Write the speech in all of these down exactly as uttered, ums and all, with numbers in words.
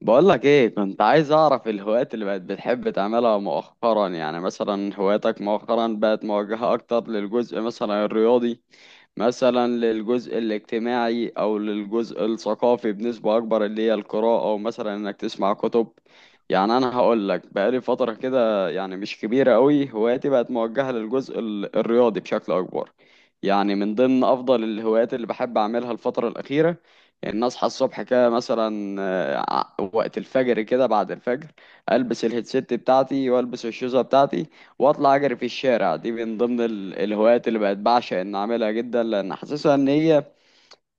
بقولك ايه، كنت عايز اعرف الهوايات اللي بقت بتحب تعملها مؤخرا. يعني مثلا هواياتك مؤخرا بقت موجهة اكتر للجزء مثلا الرياضي، مثلا للجزء الاجتماعي او للجزء الثقافي بنسبة اكبر، اللي هي القراءة او مثلا انك تسمع كتب. يعني انا هقولك، بقالي فترة كده يعني مش كبيرة قوي هواياتي بقت موجهة للجزء ال- الرياضي بشكل اكبر. يعني من ضمن افضل الهوايات اللي بحب اعملها الفترة الاخيرة ان اصحى الصبح كده مثلا، ع- وقت الفجر كده، بعد الفجر البس الهيدسيت بتاعتي والبس الشوزه بتاعتي واطلع اجري في الشارع. دي من ضمن ال- الهوايات اللي بقت بعشق ان اعملها جدا، لان حاسسها ان هي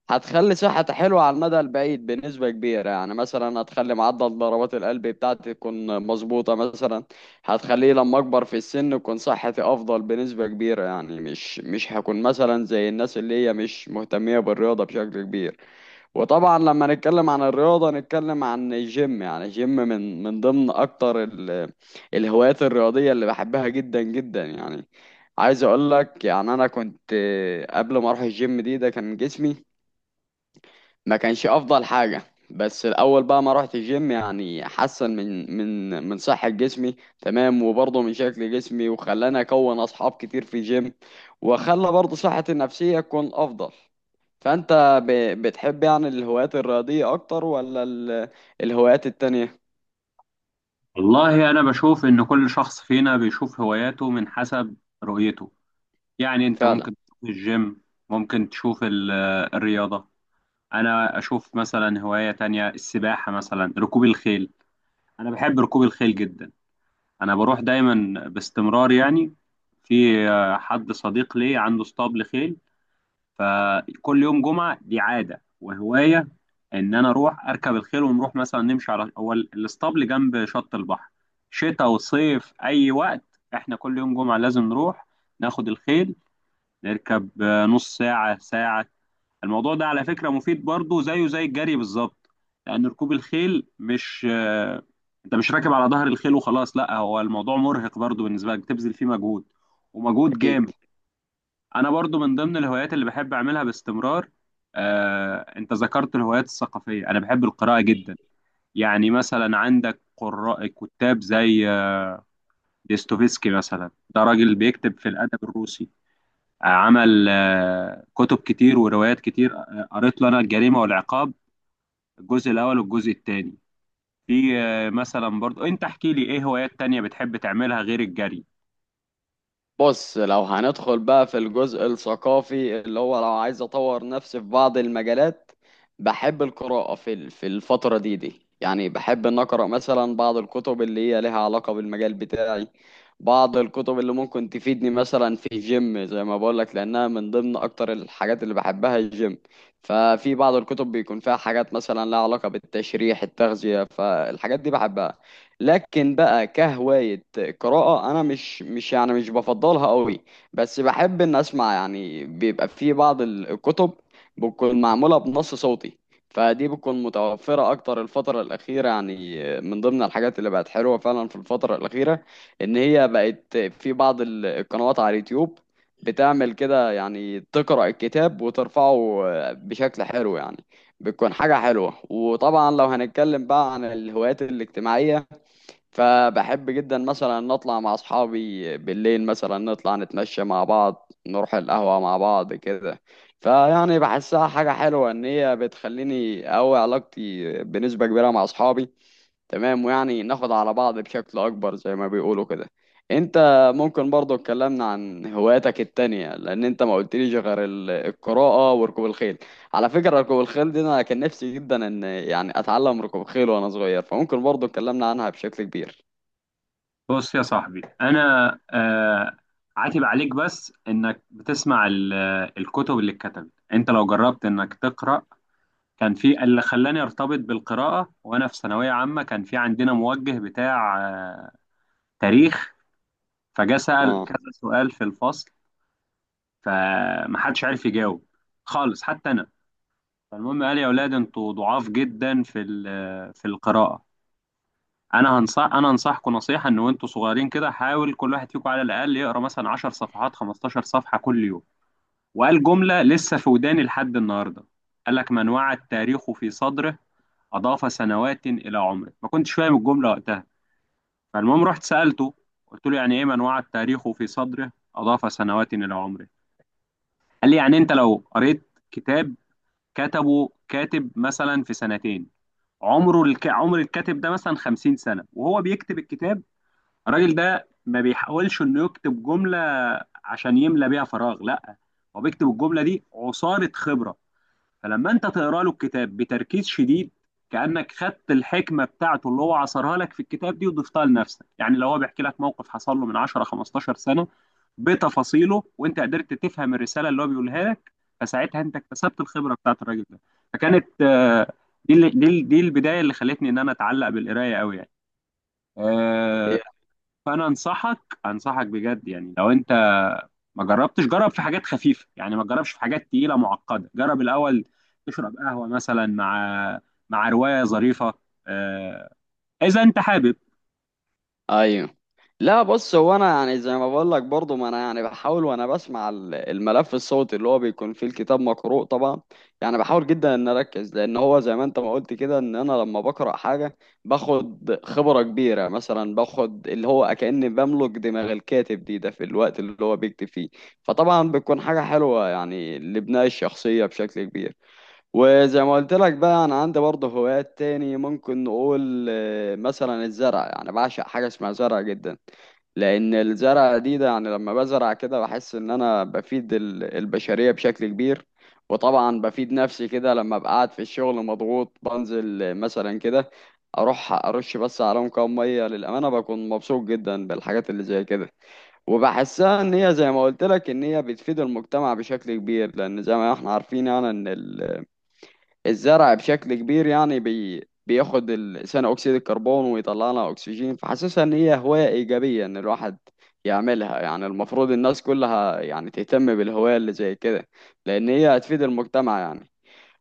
هتخلي صحتي حلوه على المدى البعيد بنسبه كبيره. يعني مثلا هتخلي معدل ضربات القلب بتاعتي تكون مظبوطه، مثلا هتخليه لما اكبر في السن تكون صحتي افضل بنسبه كبيره، يعني مش مش هكون مثلا زي الناس اللي هي مش مهتميه بالرياضه بشكل كبير. وطبعا لما نتكلم عن الرياضة نتكلم عن الجيم. يعني الجيم من من ضمن أكتر ال- الهوايات الرياضية اللي بحبها جدا جدا. يعني عايز أقول لك، يعني أنا كنت قبل ما أروح الجيم دي ده كان جسمي ما كانش أفضل حاجة، بس الأول بقى ما رحت الجيم يعني حسن من من من صحة جسمي، تمام، وبرضه من شكل جسمي، وخلاني أكون أصحاب كتير في الجيم وخلى برضه صحتي النفسية تكون أفضل. فأنت ب- بتحب يعني الهوايات الرياضية أكتر ولا ال- الهوايات التانية؟ والله أنا بشوف إن كل شخص فينا بيشوف هواياته من حسب رؤيته. يعني أنت فعلا. ممكن تشوف الجيم، ممكن تشوف ال- الرياضة. أنا أشوف مثلا هواية تانية السباحة، مثلا ركوب الخيل. أنا بحب ركوب الخيل جدا، أنا بروح دايما باستمرار، يعني في آه، حد صديق لي عنده اسطبل خيل. فكل يوم جمعة دي عادة وهواية، إن أنا أروح أركب الخيل ونروح مثلا نمشي على هو ال- الاسطبل جنب شط البحر، شتاء وصيف أي وقت. إحنا كل يوم جمعة لازم نروح ناخد الخيل، نركب آه، نص ساعة، ساعة. الموضوع ده على فكرة مفيد برضه، زيه زي الجري بالظبط. لأن ركوب الخيل مش آه، أنت مش راكب على ظهر الخيل وخلاص، لا، هو الموضوع مرهق برضه بالنسبة لك، بتبذل فيه مجهود، ومجهود أكيد. جامد. انا برضو من ضمن الهوايات اللي بحب اعملها باستمرار. آه، انت ذكرت الهوايات الثقافيه، انا بحب القراءه جدا. يعني مثلا عندك قراء كتاب زي آه، ديستوفيسكي مثلا، ده راجل بيكتب في الادب الروسي. آه، عمل آه، كتب كتير وروايات كتير. آه، قريت له انا الجريمه والعقاب، الجزء الاول والجزء الثاني. في آه، مثلا برضو انت احكي لي ايه هوايات تانية بتحب تعملها غير الجري؟ بص لو هندخل بقى في الجزء الثقافي اللي هو، لو عايز اطور نفسي في بعض المجالات بحب القراءة في ال- في الفترة دي دي. يعني بحب ان اقرا مثلا بعض الكتب اللي هي لها علاقة بالمجال بتاعي، بعض الكتب اللي ممكن تفيدني مثلا في الجيم زي ما بقول لك لانها من ضمن اكتر الحاجات اللي بحبها الجيم. ففي بعض الكتب بيكون فيها حاجات مثلا لها علاقة بالتشريح، التغذية، فالحاجات دي بحبها. لكن بقى كهواية قراءة، أنا مش مش يعني مش بفضلها قوي، بس بحب إن أسمع. يعني بيبقى في بعض ال- الكتب بتكون معمولة بنص صوتي، فدي بتكون متوفرة أكتر الفترة الأخيرة. يعني من ضمن الحاجات اللي بقت حلوة فعلا في الفترة الأخيرة إن هي بقت في بعض ال- القنوات على اليوتيوب بتعمل كده، يعني تقرأ الكتاب وترفعه بشكل حلو يعني، بتكون حاجة حلوة. وطبعا لو هنتكلم بقى عن الهوايات الاجتماعية، فبحب جدا مثلا ان اطلع مع اصحابي بالليل، مثلا نطلع نتمشى مع بعض، نروح القهوة مع بعض كده. فيعني بحسها حاجة حلوة ان هي بتخليني اقوي علاقتي بنسبة كبيرة مع اصحابي، تمام، ويعني ناخد على بعض بشكل اكبر زي ما بيقولوا كده. انت ممكن برضو اتكلمنا عن هواياتك التانية؟ لان انت ما قلتليش غير ال- القراءة وركوب الخيل. على فكرة ركوب الخيل دي انا كان نفسي جدا ان يعني اتعلم ركوب خيل وانا صغير، فممكن برضو اتكلمنا عنها بشكل كبير. بص يا صاحبي، انا آه عاتب عليك، بس انك بتسمع ال- الكتب اللي اتكتبت. انت لو جربت انك تقرا، كان في اللي خلاني ارتبط بالقراءه. وانا في ثانويه عامه كان في عندنا موجه بتاع آه تاريخ، فجاء سال اه. كذا سؤال في الفصل، فمحدش عارف يجاوب خالص، حتى انا. فالمهم قال: يا اولاد، انتوا ضعاف جدا في ال- في القراءه. انا هنصح انا انصحكم نصيحه، ان وانتوا صغيرين كده، حاول كل واحد فيكم على الاقل يقرا مثلا عشر صفحات، خمستاشر صفحه كل يوم. وقال جمله لسه في وداني لحد النهارده، قال لك: من وعى التاريخ في صدره، اضاف سنوات الى عمره. ما كنتش فاهم الجمله وقتها، فالمهم رحت سالته، قلت له: يعني ايه من وعى التاريخ في صدره اضاف سنوات الى عمره؟ قال لي: يعني انت لو قريت كتاب، كتبه كاتب مثلا في سنتين، عمره الك... عمر الكاتب ده مثلا خمسين سنه وهو بيكتب الكتاب، الراجل ده ما بيحاولش انه يكتب جمله عشان يملى بيها فراغ، لا، هو بيكتب الجمله دي عصاره خبره. فلما انت تقرا له الكتاب بتركيز شديد، كانك خدت الحكمه بتاعته اللي هو عصرها لك في الكتاب دي وضفتها لنفسك. يعني لو هو بيحكي لك موقف حصل له من عشر خمستاشر سنه بتفاصيله، وانت قدرت تفهم الرساله اللي هو بيقولها لك، فساعتها انت اكتسبت الخبره بتاعت الراجل ده. فكانت آه، دي اللي- دي ال- دي البدايه اللي خلتني ان انا اتعلق بالقرايه قوي، يعني آه، هي. فانا انصحك انصحك بجد، يعني لو انت ما جربتش، جرب في حاجات خفيفه، يعني ما تجربش في حاجات تقيله معقده، جرب الاول تشرب قهوه مثلا مع مع روايه ظريفه، آه، اذا انت حابب. ايوه. لا بص، هو انا يعني زي ما بقول لك برضه، ما انا يعني بحاول وانا بسمع ال- الملف الصوتي اللي هو بيكون فيه الكتاب مقروء طبعا. يعني بحاول جدا ان اركز، لان هو زي ما انت ما قلت كده، ان انا لما بقرا حاجه باخد خبره كبيره، مثلا باخد اللي هو كاني بملك دماغ الكاتب دي ده في الوقت اللي هو بيكتب فيه. فطبعا بتكون حاجه حلوه يعني لبناء الشخصيه بشكل كبير. وزي ما قلت لك بقى انا عندي برضه هوايات تاني. ممكن نقول آه، مثلا الزرع. يعني بعشق حاجه اسمها زرع جدا، لان الزرع دي ده يعني لما بزرع كده بحس ان انا بفيد ال- البشريه بشكل كبير. وطبعا بفيد نفسي كده، لما ابقى قاعد في الشغل مضغوط بنزل، آه، مثلا كده اروح ارش بس عليهم كام ميه، للامانه بكون مبسوط جدا بالحاجات اللي زي كده. وبحسها ان هي زي ما قلت لك ان هي بتفيد المجتمع بشكل كبير، لان زي ما احنا عارفين يعني ان ال الزرع بشكل كبير، يعني بي بياخد ال- ثاني اكسيد الكربون ويطلع لنا اكسجين. فحاسسها ان هي هواية ايجابية ان الواحد يعملها. يعني المفروض الناس كلها يعني تهتم بالهواية اللي زي كده، لان هي هتفيد المجتمع يعني.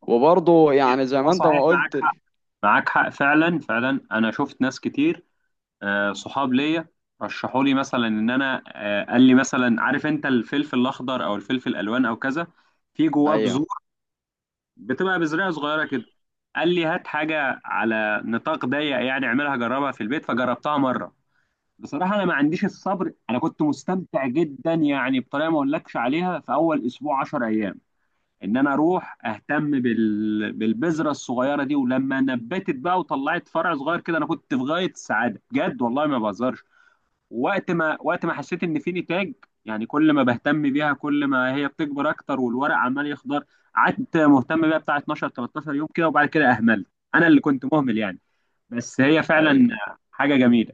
وبرضه يعني زي لا، ما انت صحيح، ما معاك قلت ال- حق، معاك حق فعلا فعلا. انا شفت ناس كتير، آه، صحاب ليا رشحوا لي، مثلا ان انا آه، قال لي مثلا: عارف انت الفلفل الاخضر او الفلفل الالوان او كذا، في جواه ايوه، بذور، بتبقى بزرعه صغيره كده. قال لي: هات حاجه على نطاق ضيق، يعني اعملها جربها في البيت، فجربتها مره. بصراحه انا ما عنديش الصبر. انا كنت مستمتع جدا، يعني بطريقه ما اقولكش عليها، في اول اسبوع، عشر ايام، ان انا اروح اهتم بال... بالبذره الصغيره دي. ولما نبتت بقى وطلعت فرع صغير كده، انا كنت في غايه السعاده بجد، والله ما بهزرش. وقت ما وقت ما حسيت ان في نتاج، يعني كل ما بهتم بيها كل ما هي بتكبر اكتر، والورق عمال يخضر، قعدت مهتم بيها بتاع اتناشر تلتاشر يوم كده، وبعد كده اهملت، انا اللي كنت مهمل، يعني. بس هي فعلا ايوه. حاجه جميله.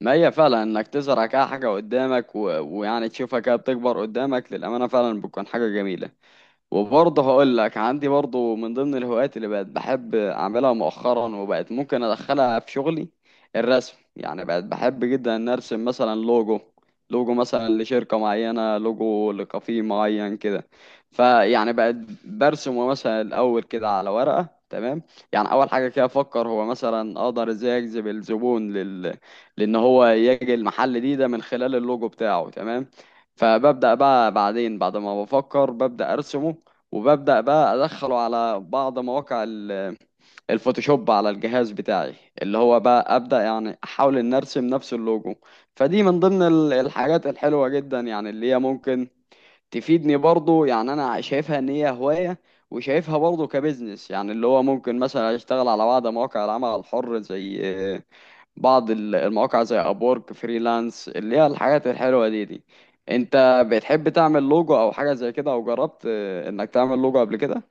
ما هي فعلا انك تزرع كده حاجة قدامك و... ويعني تشوفها كده بتكبر قدامك، للأمانة فعلا بتكون حاجة جميلة. وبرضه هقول لك عندي برضه من ضمن الهوايات اللي بقت بحب اعملها مؤخرا وبقت ممكن ادخلها في شغلي الرسم. يعني بقت بحب جدا ان ارسم مثلا لوجو، لوجو مثلا لشركة معينة، لوجو لكافيه معين كده. فيعني بقت برسمه مثلا الاول كده على ورقة، تمام. يعني اول حاجة كده افكر هو مثلا اقدر ازاي اجذب الزبون لل... لان هو يجي المحل دي ده من خلال اللوجو بتاعه، تمام. فببدأ بقى بعدين بعد ما بفكر ببدأ ارسمه، وببدأ بقى أدخله على بعض مواقع ال- الفوتوشوب على الجهاز بتاعي، اللي هو بقى أبدأ يعني أحاول إن أرسم نفس اللوجو. فدي من ضمن ال- الحاجات الحلوة جدا، يعني اللي هي ممكن تفيدني برضو. يعني أنا شايفها إن هي هواية، وشايفها برضو كبزنس، يعني اللي هو ممكن مثلا أشتغل على بعض مواقع العمل الحر زي آه، بعض ال- المواقع زي أبورك فريلانس، اللي هي الحاجات الحلوة دي دي. أنت بتحب تعمل لوجو أو حاجة زي كده أو جربت آه، إنك تعمل لوجو قبل كده؟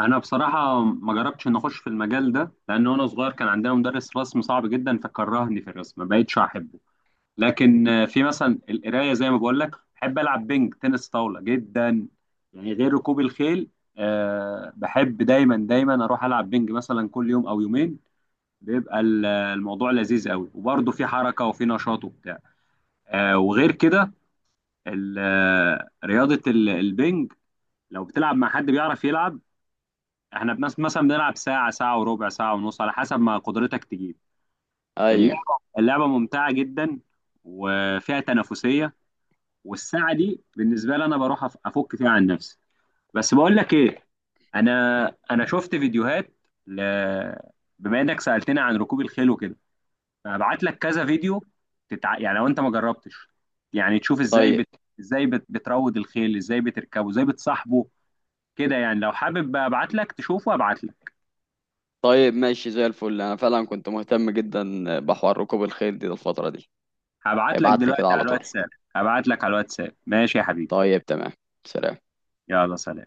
انا بصراحه ما جربتش ان اخش في المجال ده، لان وانا صغير كان عندنا مدرس رسم صعب جدا فكرهني في الرسم، ما بقتش احبه. لكن آه، في مثلا القرايه زي ما بقول لك، بحب العب بينج تنس طاوله جدا، يعني غير ركوب الخيل. آه، بحب دايما دايما اروح العب بينج مثلا كل يوم او يومين. بيبقى ال- الموضوع لذيذ قوي، وبرضه في حركه وفي نشاط وبتاع. آه، وغير كده ال- آه، رياضه ال- البينج لو بتلعب مع حد بيعرف يلعب، احنا بنس- مثلا بنلعب ساعه، ساعه وربع، ساعه ونص، على حسب ما قدرتك تجيب. ايوه. اللعبه اللعبه ممتعه جدا وفيها تنافسيه، والساعه دي بالنسبه لي انا بروح أف- افك فيها عن نفسي. بس بقول لك ايه، انا انا شفت فيديوهات، ل... بما انك سالتني عن ركوب الخيل وكده، فابعت لك كذا فيديو. تتع... يعني لو انت ما جربتش، يعني تشوف ازاي طيب. بت... ازاي بت... بتروض الخيل، ازاي بتركبه، ازاي بتصاحبه كده. يعني لو حابب بقى ابعت لك تشوفه، ابعت لك. طيب ماشي زي الفل، انا فعلا كنت مهتم جدا بحوار ركوب الخيل دي الفترة دي. هبعت لك ابعت لي كده دلوقتي على على طول. الواتساب. هبعت لك على الواتساب، ماشي يا حبيبي. طيب، تمام. سلام. يلا، سلام.